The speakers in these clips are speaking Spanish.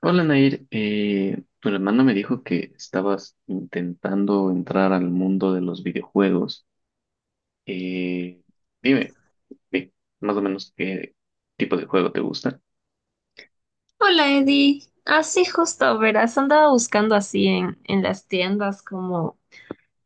Hola Nair, tu hermano me dijo que estabas intentando entrar al mundo de los videojuegos. Eh, dime, di- más o menos qué tipo de juego te gusta. Hola Eddie, así justo, verás, andaba buscando así en las tiendas como.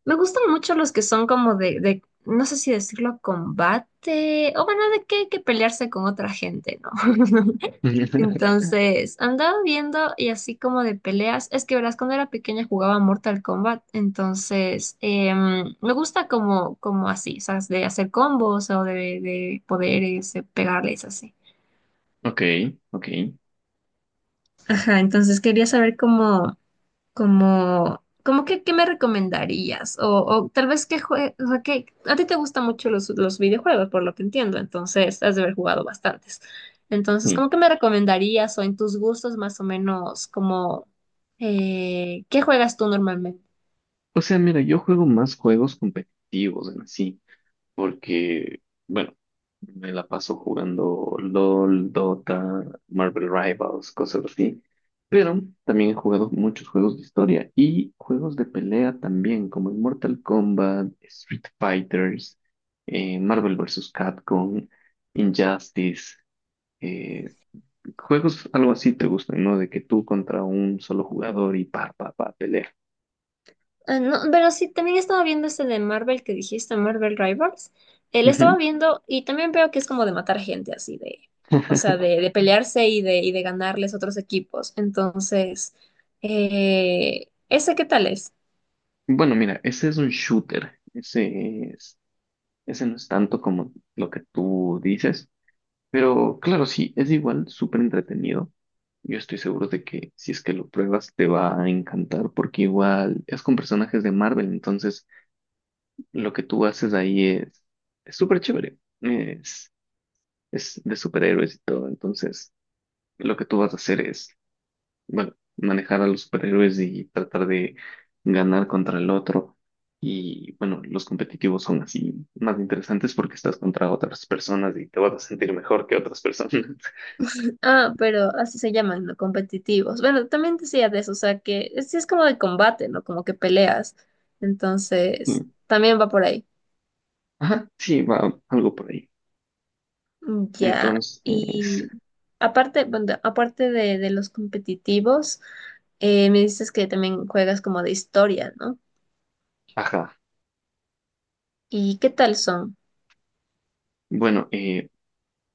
Me gustan mucho los que son como de, no sé si decirlo, combate, o bueno, de que hay que pelearse con otra gente, ¿no? Entonces, andaba viendo y así como de peleas, es que verás, cuando era pequeña jugaba Mortal Kombat, entonces me gusta como, así, o sea, de hacer combos o de poderes, de pegarles así. Ok, ok, Ajá, entonces quería saber cómo. Como que, ¿qué me recomendarías? O tal vez o sea, que a ti te gustan mucho los videojuegos, por lo que entiendo, entonces has de haber jugado bastantes. Entonces, sí. ¿cómo que me recomendarías o en tus gustos más o menos como qué juegas tú normalmente? O sea, mira, yo juego más juegos competitivos en sí, porque, bueno, me la paso jugando LOL, Dota, Marvel Rivals, cosas así. Pero también he jugado muchos juegos de historia y juegos de pelea también, como el Mortal Kombat, Street Fighters, Marvel versus Capcom, Injustice. eh, Juegos algo así te gustan, ¿no? De que tú contra un solo jugador y pa, pa, pa, pelea. Ah, no, pero sí, también estaba viendo este de Marvel que dijiste, Marvel Rivals. Él estaba Ujú. viendo y también veo que es como de matar gente así de, o sea, de pelearse y y de ganarles otros equipos. Entonces, ¿ese qué tal es? Bueno, mira, ese es un shooter. Ese no es tanto como lo que tú dices, pero claro, sí, es igual súper entretenido. Yo estoy seguro de que si es que lo pruebas te va a encantar porque igual es con personajes de Marvel, entonces lo que tú haces ahí es súper chévere, es de superhéroes y todo, entonces lo que tú vas a hacer es bueno, manejar a los superhéroes y tratar de ganar contra el otro. Y bueno, los competitivos son así más interesantes porque estás contra otras personas y te vas a sentir mejor que otras personas. Ah, pero así se llaman, ¿no? Competitivos. Bueno, también decía de eso, o sea, que sí es como de combate, ¿no? Como que peleas. Y- Entonces, también va por ahí. Ajá, sí, va algo por ahí. Ya, Entonces, y aparte, bueno, aparte de los competitivos, me dices que también juegas como de historia, ¿no? ajá, ¿Y qué tal son? bueno,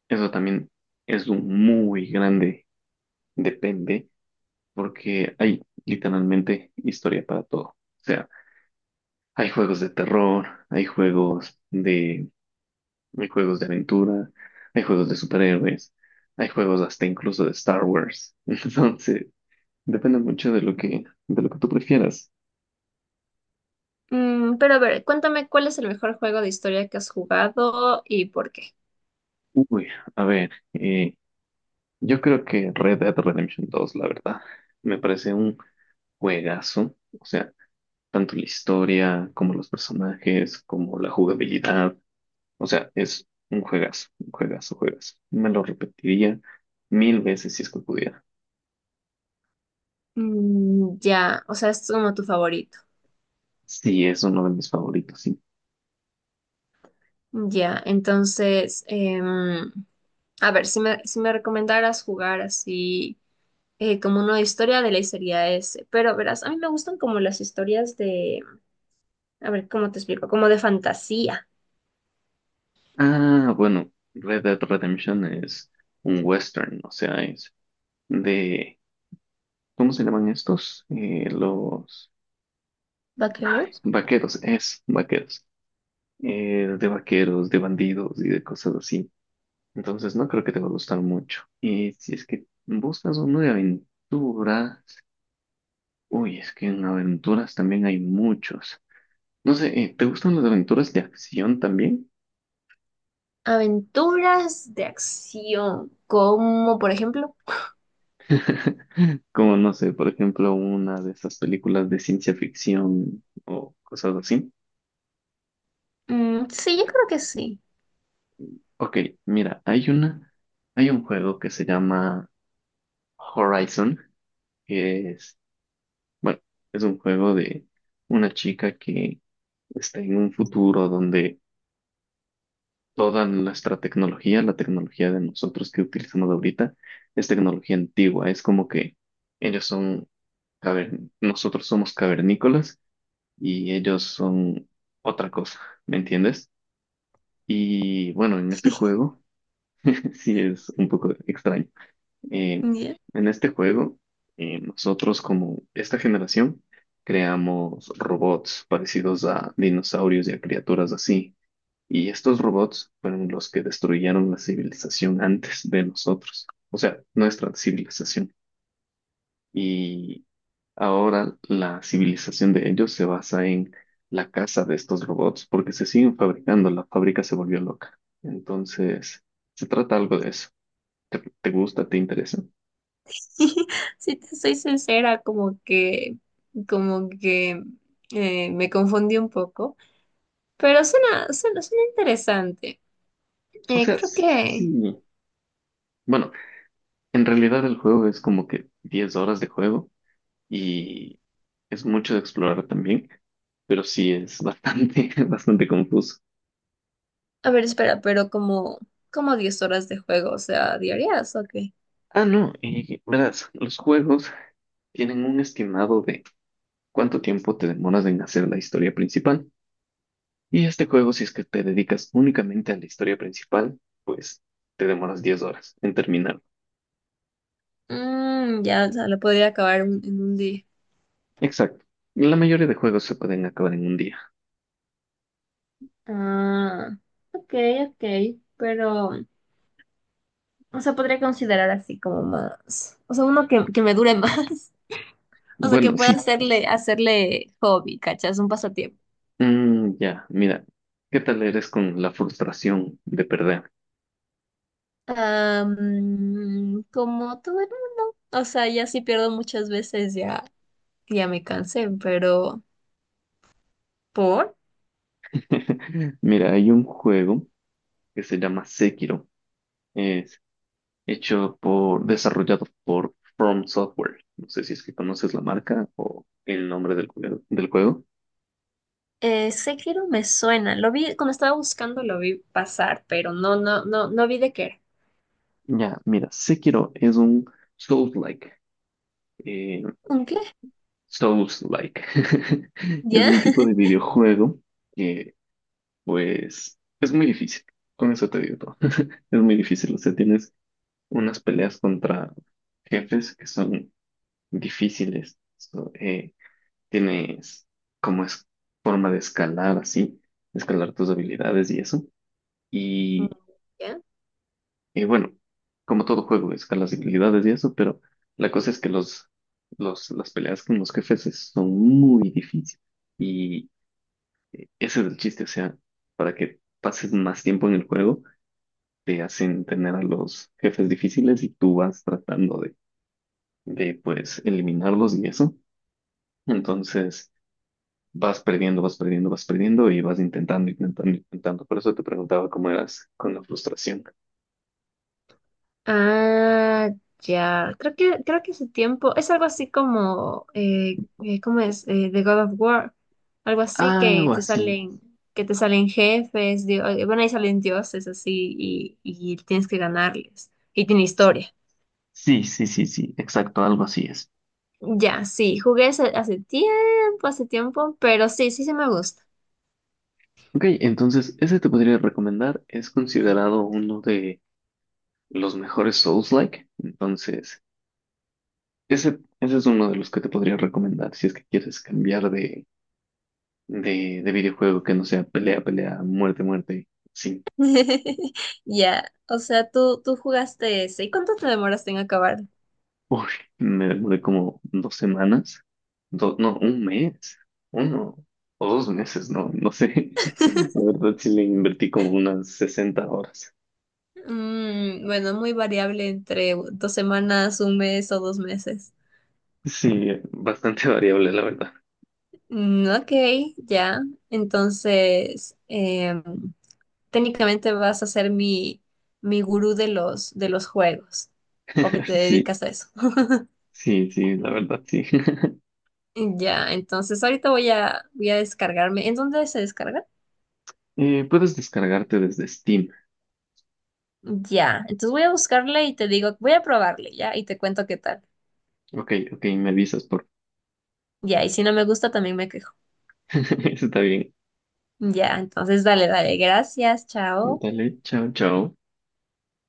eso también es un muy grande, depende, porque hay literalmente historia para todo. O sea, hay juegos de terror, hay juegos de hay juegos de aventura, hay juegos de superhéroes, hay juegos hasta incluso de Star Wars. Entonces, depende mucho de lo que tú prefieras. Mm, pero a ver, cuéntame cuál es el mejor juego de historia que has jugado y por qué. Uy, a ver, yo creo que Red Dead Redemption 2, la verdad, me parece un juegazo. O sea, tanto la historia como los personajes, como la jugabilidad. O sea, es un juegazo, juegazo. Me lo repetiría 1000 veces si es que pudiera. Mm, ya, o sea, es como tu favorito. Sí, es uno de mis favoritos. Ya, entonces, a ver, si me recomendaras jugar así como una historia de ley sería ese, pero verás, a mí me gustan como las historias de. A ver, ¿cómo te explico? Como de fantasía. Ah, bueno, Red Dead Redemption es un western, o sea, es de, ¿cómo se llaman estos? Los ay, Vaqueros. vaqueros, es vaqueros. De vaqueros, de bandidos y de cosas así. Entonces no creo que te va a gustar mucho. Y si es que buscas uno de aventuras, uy, es que en aventuras también hay muchos. No sé, ¿te gustan las aventuras de acción también? Aventuras de acción. Como, por ejemplo. Como no sé, por ejemplo, una de esas películas de ciencia ficción o cosas así. Mm, sí, yo creo que sí. Ok, mira, hay una, hay un juego que se llama Horizon, que es, bueno, es un juego de una chica que está en un futuro donde toda nuestra tecnología, la tecnología de nosotros que utilizamos ahorita, es tecnología antigua. Es como que ellos son, nosotros somos cavernícolas y ellos son otra cosa, ¿me entiendes? Y bueno, en este juego sí es un poco extraño. Eh, Ya. en este juego, nosotros como esta generación creamos robots parecidos a dinosaurios y a criaturas así. Y estos robots fueron los que destruyeron la civilización antes de nosotros, o sea, nuestra civilización. Y ahora la civilización de ellos se basa en la caza de estos robots porque se siguen fabricando, la fábrica se volvió loca. Entonces, se trata algo de eso. ¿Te, te gusta? ¿Te interesa? Si te soy sincera, como que me confundí un poco. Pero suena, suena, suena interesante. O sea, Creo sí. que. Bueno, en realidad el juego es como que 10 horas de juego y es mucho de explorar también, pero sí es bastante, bastante confuso. A ver, espera, pero como 10 horas de juego, o sea, diarias, ok. Ah, no, y verás, los juegos tienen un estimado de cuánto tiempo te demoras en hacer la historia principal. Y este juego, si es que te dedicas únicamente a la historia principal, pues te demoras 10 horas en terminarlo. Mm, ya, o sea, lo podría acabar en un día. Exacto. La mayoría de juegos se pueden acabar en un día. Ah, ok, ok, pero, o sea, podría considerar así como más, o sea, uno que me dure más, o sea, que Bueno, pueda sí. Hacerle hobby, ¿cachas? Un pasatiempo. Mm, ya, mira. ¿Qué tal eres con la frustración de perder? Ah, como todo, o sea, ya sí pierdo muchas veces, ya, ya me cansé, pero, ¿por? Mira, hay un juego que se llama Sekiro. Es hecho por, desarrollado por From Software. No sé si es que conoces la marca o el nombre del, del juego. Sekiro me suena, lo vi, cuando estaba buscando lo vi pasar, pero no, no, no, no vi de qué era. Ya, mira, Sekiro es un Souls-like. eh, ¿Un qué? Souls-like. Es ¿Ya? un tipo de videojuego que, pues, es muy difícil. Con eso te digo todo. Es muy difícil. O sea, tienes unas peleas contra jefes que son difíciles. So, tienes como es forma de escalar así, escalar tus habilidades y eso. Mm, Y, ¿ya? y bueno, como todo juego, escalas habilidades y eso, pero la cosa es que los, las peleas con los jefes son muy difíciles. Y ese es el chiste, o sea, para que pases más tiempo en el juego, te hacen tener a los jefes difíciles y tú vas tratando de pues, eliminarlos y eso. Entonces, vas perdiendo, vas perdiendo, vas perdiendo y vas intentando, intentando, intentando. Por eso te preguntaba cómo eras con la frustración. Ah, ya. Creo que ese tiempo es algo así como, ¿cómo es? The God of War. Algo así que Algo te así. Salen jefes, bueno, ahí salen dioses así y tienes que ganarles. Y tiene historia. Sí, sí, sí, sí, exacto, algo así es. Ya, sí, jugué hace tiempo, pero sí, sí se me gusta. Ok, entonces, ese te podría recomendar. Es considerado uno de los mejores Souls-like. Entonces, ese es uno de los que te podría recomendar si es que quieres cambiar de videojuego que no sea pelea, pelea, muerte, muerte. Sí. Ya, o sea, tú jugaste ese. ¿Y cuánto te demoraste en acabar? Uy, me demoré como dos semanas. No, un mes. Uno o dos meses, no, no sé. La verdad sí le invertí como unas 60 horas. Mm, bueno, muy variable entre 2 semanas, un mes o 2 meses. Sí, bastante variable, la verdad. Mm, ok, ya. Entonces, técnicamente vas a ser mi gurú de de los juegos, porque te Sí, dedicas a eso. sí, sí, la verdad, sí. Ya, entonces ahorita voy a descargarme. ¿En dónde se descarga? Puedes descargarte desde Steam. Ya, entonces voy a buscarle y te digo, voy a probarle, ya, y te cuento qué tal. Ok, ok, me avisas por... Ya, y si no me gusta, también me quejo. Está bien. Ya, entonces dale, dale, gracias, chao. Dale, chao, chao.